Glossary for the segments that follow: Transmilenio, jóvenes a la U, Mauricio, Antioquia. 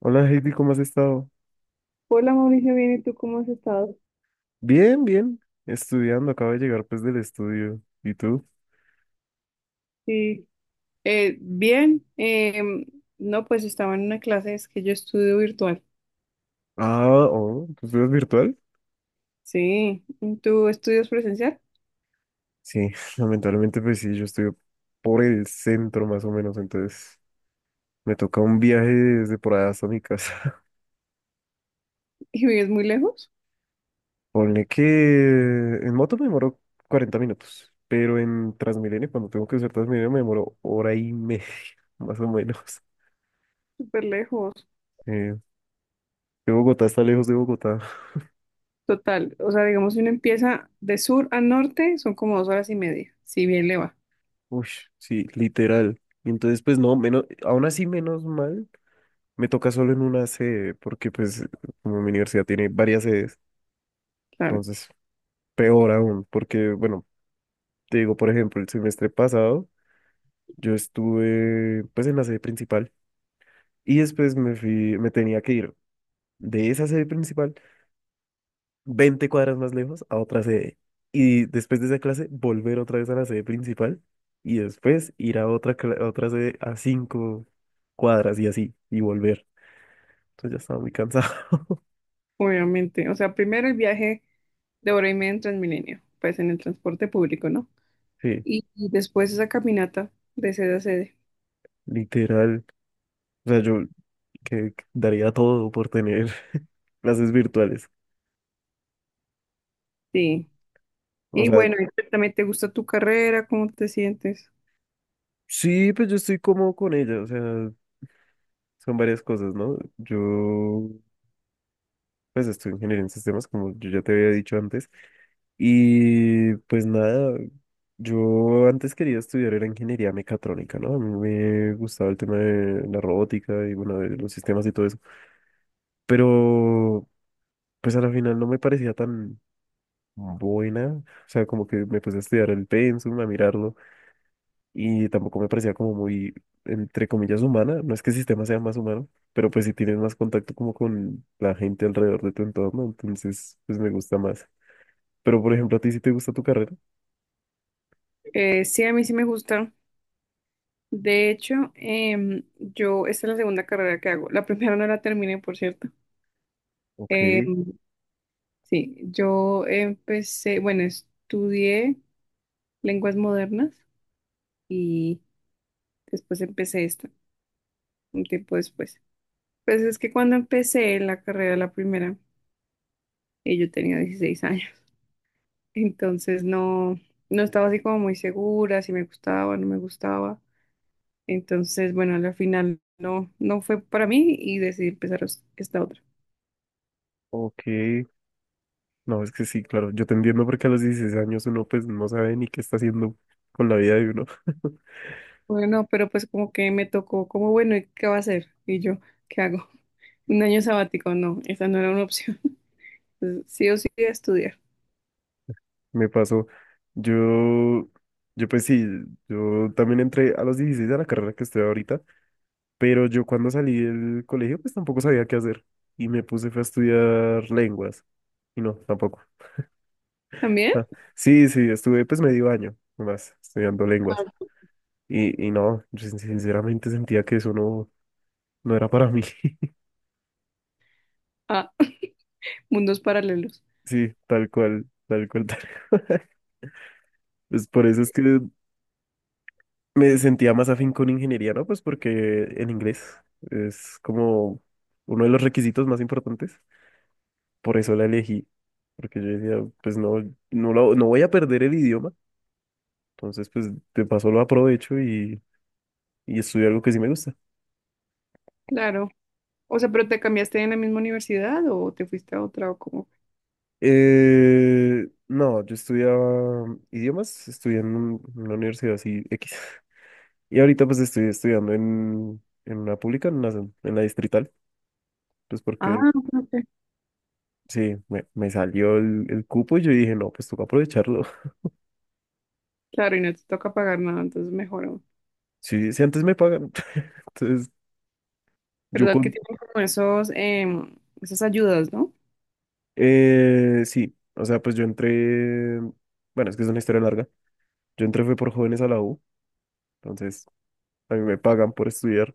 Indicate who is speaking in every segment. Speaker 1: Hola Heidi, ¿cómo has estado?
Speaker 2: Hola Mauricio, bien, ¿y tú cómo has estado?
Speaker 1: Bien, bien. Estudiando, acabo de llegar pues del estudio. ¿Y tú?
Speaker 2: Sí, bien. No, pues estaba en una clase, es que yo estudio virtual.
Speaker 1: Ah, oh, ¿tú estudias virtual?
Speaker 2: Sí, ¿tú estudias presencial
Speaker 1: Sí, lamentablemente pues sí, yo estoy por el centro más o menos, entonces me toca un viaje desde por allá hasta mi casa.
Speaker 2: y vives muy lejos?
Speaker 1: Ponle que en moto me demoro 40 minutos, pero en Transmilenio, cuando tengo que usar Transmilenio, me demoro hora y media, más o menos.
Speaker 2: Súper lejos.
Speaker 1: Eh, de Bogotá está lejos de Bogotá.
Speaker 2: Total, o sea, digamos, si uno empieza de sur a norte, son como 2 horas y media, si bien le va,
Speaker 1: Uy, sí, literal. Y entonces, pues no, menos, aún así menos mal, me toca solo en una sede, porque pues como mi universidad tiene varias sedes,
Speaker 2: claro,
Speaker 1: entonces peor aún, porque bueno, te digo, por ejemplo, el semestre pasado yo estuve pues en la sede principal y después me fui, me tenía que ir de esa sede principal 20 cuadras más lejos a otra sede. Y después de esa clase, volver otra vez a la sede principal y después ir a otra, a otra sede a 5 cuadras y así, y volver. Entonces ya estaba muy cansado.
Speaker 2: obviamente. O sea, primero el viaje de 1 hora y media en Transmilenio, pues en el transporte público, ¿no?
Speaker 1: Sí,
Speaker 2: Y después esa caminata de sede a sede.
Speaker 1: literal. O sea, yo que daría todo por tener clases virtuales.
Speaker 2: Sí.
Speaker 1: O
Speaker 2: Y
Speaker 1: sea,
Speaker 2: bueno, ¿y también te gusta tu carrera, cómo te sientes?
Speaker 1: sí, pues yo estoy cómodo con ella. O sea, son varias cosas, ¿no? Yo pues estudio ingeniería en sistemas, como yo ya te había dicho antes. Y pues nada, yo antes quería estudiar era ingeniería mecatrónica, ¿no? A mí me gustaba el tema de la robótica y bueno, de los sistemas y todo eso. Pero pues a la final no me parecía tan buena. O sea, como que me puse a estudiar el pensum, a mirarlo y tampoco me parecía como muy, entre comillas, humana. No es que el sistema sea más humano, pero pues si tienes más contacto como con la gente alrededor de tu entorno, entonces pues me gusta más. Pero, por ejemplo, ¿a ti sí te gusta tu carrera?
Speaker 2: Sí, a mí sí me gusta. De hecho, yo, esta es la segunda carrera que hago. La primera no la terminé, por cierto.
Speaker 1: Ok,
Speaker 2: Em, sí, yo empecé, bueno, estudié lenguas modernas y después empecé esta, un tiempo después. Pues es que cuando empecé la carrera, la primera, yo tenía 16 años, entonces no, no estaba así como muy segura si me gustaba o no me gustaba. Entonces, bueno, al final no, no fue para mí y decidí empezar esta otra.
Speaker 1: ok. No, es que sí, claro, yo te entiendo porque a los 16 años uno pues no sabe ni qué está haciendo con la vida de uno.
Speaker 2: Bueno, pero pues como que me tocó, como bueno, ¿y qué va a hacer? Y yo, ¿qué hago? Un año sabático, no, esa no era una opción. Entonces, sí o sí a estudiar.
Speaker 1: Me pasó. Yo, yo pues sí, yo también entré a los 16 a la carrera que estoy ahorita, pero yo cuando salí del colegio pues tampoco sabía qué hacer y me puse fue a estudiar lenguas y no, tampoco.
Speaker 2: ¿También?
Speaker 1: Ah, sí, sí, estuve pues medio año más estudiando lenguas. Y no, yo sinceramente sentía que eso no, no era para mí.
Speaker 2: Ah, mundos paralelos.
Speaker 1: Sí, tal cual, tal cual, tal cual. Pues por eso es que me sentía más afín con ingeniería, ¿no? Pues porque en inglés es como uno de los requisitos más importantes. Por eso la elegí. Porque yo decía, pues no, no, no voy a perder el idioma. Entonces, pues de paso lo aprovecho y estudio algo que sí me gusta.
Speaker 2: Claro. O sea, ¿pero te cambiaste en la misma universidad o te fuiste a otra o cómo?
Speaker 1: No, yo estudiaba idiomas, estudié en en una universidad así X. Y ahorita pues estoy estudiando en una pública, en en la distrital, pues
Speaker 2: Ah,
Speaker 1: porque
Speaker 2: ok. Ok.
Speaker 1: sí, me salió el cupo y yo dije, no, pues toca aprovecharlo.
Speaker 2: Claro, y no te toca pagar nada, entonces mejor aún.
Speaker 1: Sí, si antes me pagan. Entonces, yo
Speaker 2: ¿Verdad que
Speaker 1: con...
Speaker 2: tienen como esos, esas ayudas, ¿no?
Speaker 1: Sí, o sea, pues yo entré, bueno, es que es una historia larga. Yo entré fue por jóvenes a la U, entonces a mí me pagan por estudiar,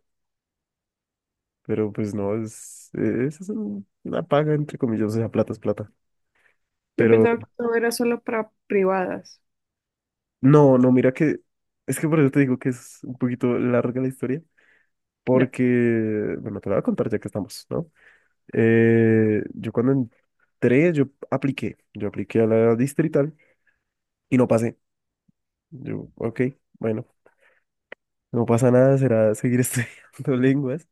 Speaker 1: pero pues no, es una paga, entre comillas, o sea, plata es plata.
Speaker 2: Yo
Speaker 1: Pero
Speaker 2: pensaba que todo era solo para privadas.
Speaker 1: no, no, mira que, es que por eso te digo que es un poquito larga la historia.
Speaker 2: Ya.
Speaker 1: Porque, bueno, te lo voy a contar ya que estamos, ¿no? Yo cuando entré, yo apliqué a la distrital y no pasé. Yo, ok, bueno, no pasa nada, será seguir estudiando lenguas.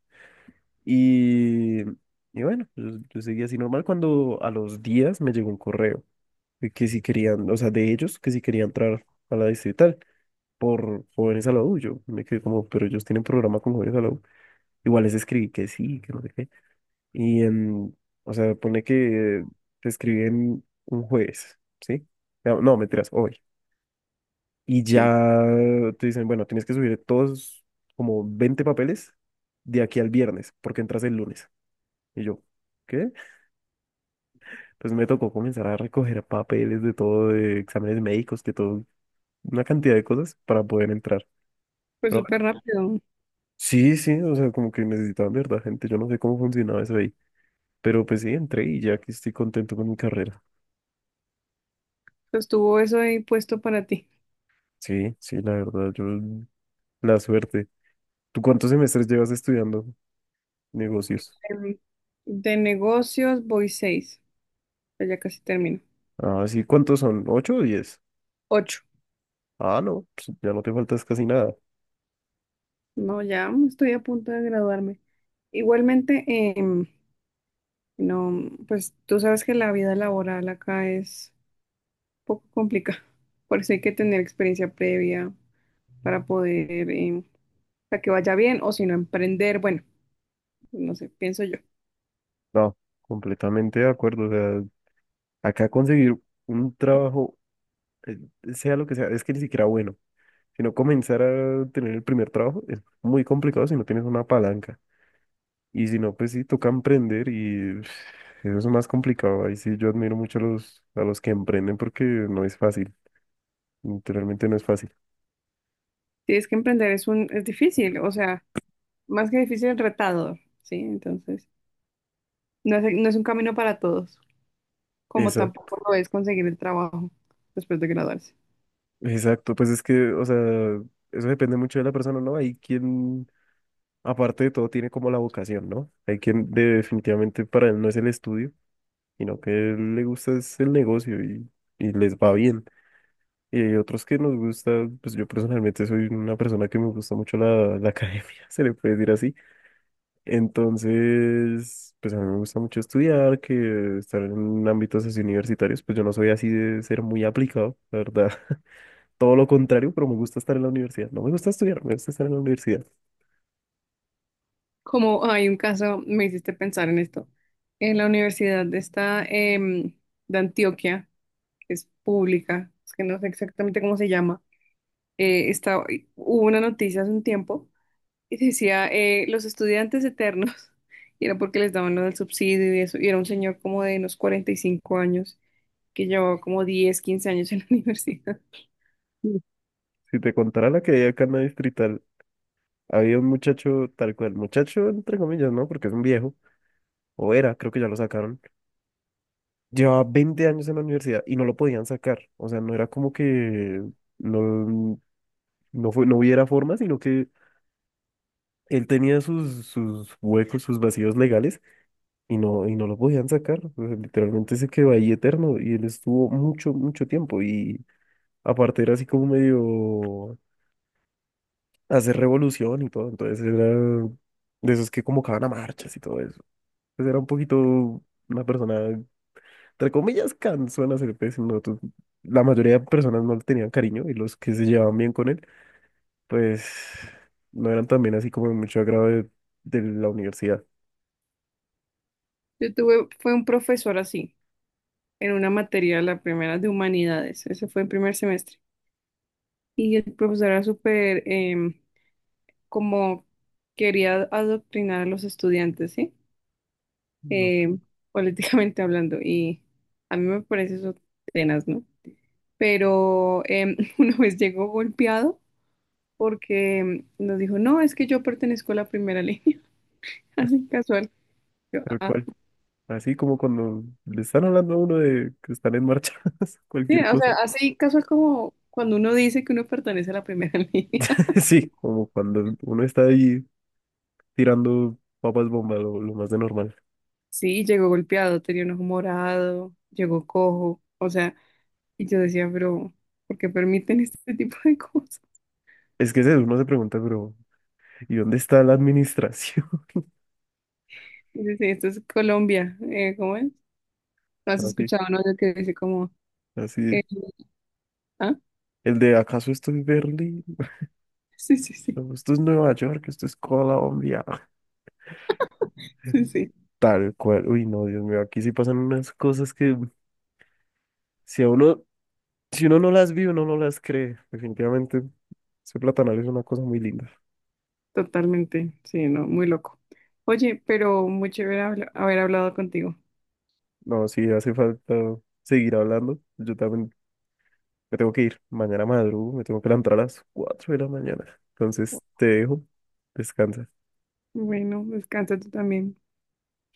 Speaker 1: Y, y bueno, yo seguí así normal cuando a los días me llegó un correo de que si querían, o sea, de ellos, que si querían entrar a la distrital por jóvenes a la U. Yo me quedé como, pero ellos tienen programa con jóvenes a la U. Igual les escribí que sí, que no sé qué. Y, o sea, pone que te escribí en un jueves, ¿sí? No, mentiras, hoy. Y
Speaker 2: Sí,
Speaker 1: ya te dicen, bueno, tienes que subir todos como 20 papeles de aquí al viernes, porque entras el lunes. Y yo, ¿qué? Pues me tocó comenzar a recoger papeles de todo, de exámenes médicos, que todo, una cantidad de cosas para poder entrar.
Speaker 2: pues
Speaker 1: Pero
Speaker 2: súper
Speaker 1: bueno,
Speaker 2: rápido.
Speaker 1: sí, sí, o sea, como que necesitaban de verdad gente. Yo no sé cómo funcionaba eso ahí. Pero pues sí, entré y ya que estoy contento con mi carrera.
Speaker 2: Estuvo eso ahí puesto para ti.
Speaker 1: Sí, sí, la verdad, yo la suerte. ¿Tú cuántos semestres llevas estudiando negocios?
Speaker 2: Em, De negocios voy 6. Pues ya casi termino.
Speaker 1: Ah, sí, ¿cuántos son? ¿8 o 10?
Speaker 2: 8.
Speaker 1: Ah, no, pues ya no te faltas casi nada.
Speaker 2: No, ya estoy a punto de graduarme. Igualmente, no, pues tú sabes que la vida laboral acá es poco complicado. Por eso hay que tener experiencia previa para poder, para que vaya bien, o si no, emprender, bueno, no sé, pienso yo.
Speaker 1: No, completamente de acuerdo. O sea, acá conseguir un trabajo, eh, sea lo que sea, es que ni siquiera bueno. Si no comenzar a tener el primer trabajo es muy complicado si no tienes una palanca. Y si no, pues sí, toca emprender y pf, eso es más complicado. Ahí sí yo admiro mucho a los que emprenden porque no es fácil. Literalmente no es fácil.
Speaker 2: Si es que emprender es difícil, o sea, más que difícil, retador, ¿sí? Entonces, no es un camino para todos, como
Speaker 1: Exacto,
Speaker 2: tampoco lo es conseguir el trabajo después de graduarse.
Speaker 1: exacto, pues es que, o sea, eso depende mucho de la persona, ¿no? Hay quien, aparte de todo, tiene como la vocación, ¿no? Hay quien definitivamente para él no es el estudio, sino que él le gusta es el negocio y les va bien. Y hay otros que nos gusta, pues yo personalmente soy una persona que me gusta mucho la academia, se le puede decir así. Entonces, pues a mí me gusta mucho estudiar, que estar en ámbitos así universitarios, pues yo no soy así de ser muy aplicado, la verdad. Todo lo contrario, pero me gusta estar en la universidad. No me gusta estudiar, me gusta estar en la universidad.
Speaker 2: Como hay un caso, me hiciste pensar en esto. En la universidad de esta, de Antioquia, que es pública, es que no sé exactamente cómo se llama. eh, estaba- hubo una noticia hace un tiempo y decía, los estudiantes eternos, y era porque les daban lo del subsidio y eso, y era un señor como de unos 45 años que llevaba como 10 15 años en la universidad.
Speaker 1: Sí. Si te contara la que había acá en la distrital, había un muchacho tal cual, muchacho entre comillas, ¿no? Porque es un viejo, o era, creo que ya lo sacaron. Llevaba 20 años en la universidad y no lo podían sacar. O sea, no era como que no, no, fue, no hubiera forma, sino que él tenía sus huecos, sus vacíos legales y, no, y no lo podían sacar. O sea, literalmente se quedó ahí eterno y él estuvo mucho, mucho tiempo. Y aparte era así como medio hacer revolución y todo, entonces era de esos que convocaban a marchas y todo eso. Entonces era un poquito una persona, entre comillas, cansona, hacer pues, no, la mayoría de personas no le tenían cariño y los que se llevaban bien con él, pues no eran también así como de mucho agrado de la universidad.
Speaker 2: Yo tuve, fue un profesor así, en una materia, la primera de humanidades, ese fue el primer semestre, y el profesor era súper, como quería adoctrinar a los estudiantes, ¿sí?
Speaker 1: No,
Speaker 2: Em, políticamente hablando, y a mí me parece eso tenaz, ¿no? Pero una vez llegó golpeado porque nos dijo, no, es que yo pertenezco a la primera línea, así casual. Yo,
Speaker 1: tal
Speaker 2: "Ah,
Speaker 1: cual. Así como cuando le están hablando a uno de que están en marchas,
Speaker 2: sí",
Speaker 1: cualquier
Speaker 2: o
Speaker 1: cosa.
Speaker 2: sea, así casual como cuando uno dice que uno pertenece a la primera línea.
Speaker 1: Sí, como cuando uno está ahí tirando papas bomba, lo más de normal.
Speaker 2: Sí, llegó golpeado, tenía un ojo morado, llegó cojo, o sea, y yo decía, pero, ¿por qué permiten este tipo de cosas?
Speaker 1: Es que es uno se pregunta, pero ¿y dónde está la administración?
Speaker 2: Y dice, esto es Colombia, ¿cómo es? ¿No has
Speaker 1: Así,
Speaker 2: escuchado, no? Lo que dice como,
Speaker 1: así.
Speaker 2: eh, ah,
Speaker 1: El de ¿acaso esto es Berlín?
Speaker 2: sí, sí, sí,
Speaker 1: ¿O esto es Nueva York? ¿Esto es Colombia?
Speaker 2: sí, sí.
Speaker 1: Tal cual. Uy, no, Dios mío, aquí sí pasan unas cosas que si a uno, si uno no las vive, uno no las cree. Definitivamente, ese platanal es una cosa muy linda.
Speaker 2: Totalmente, sí, no, muy loco. Oye, pero muy chévere haber hablado contigo.
Speaker 1: No, sí, hace falta seguir hablando. Yo también me tengo que ir. Mañana madrugo, me tengo que levantar a las 4 de la mañana. Entonces te dejo. Descansa.
Speaker 2: Bueno, descansa tú también.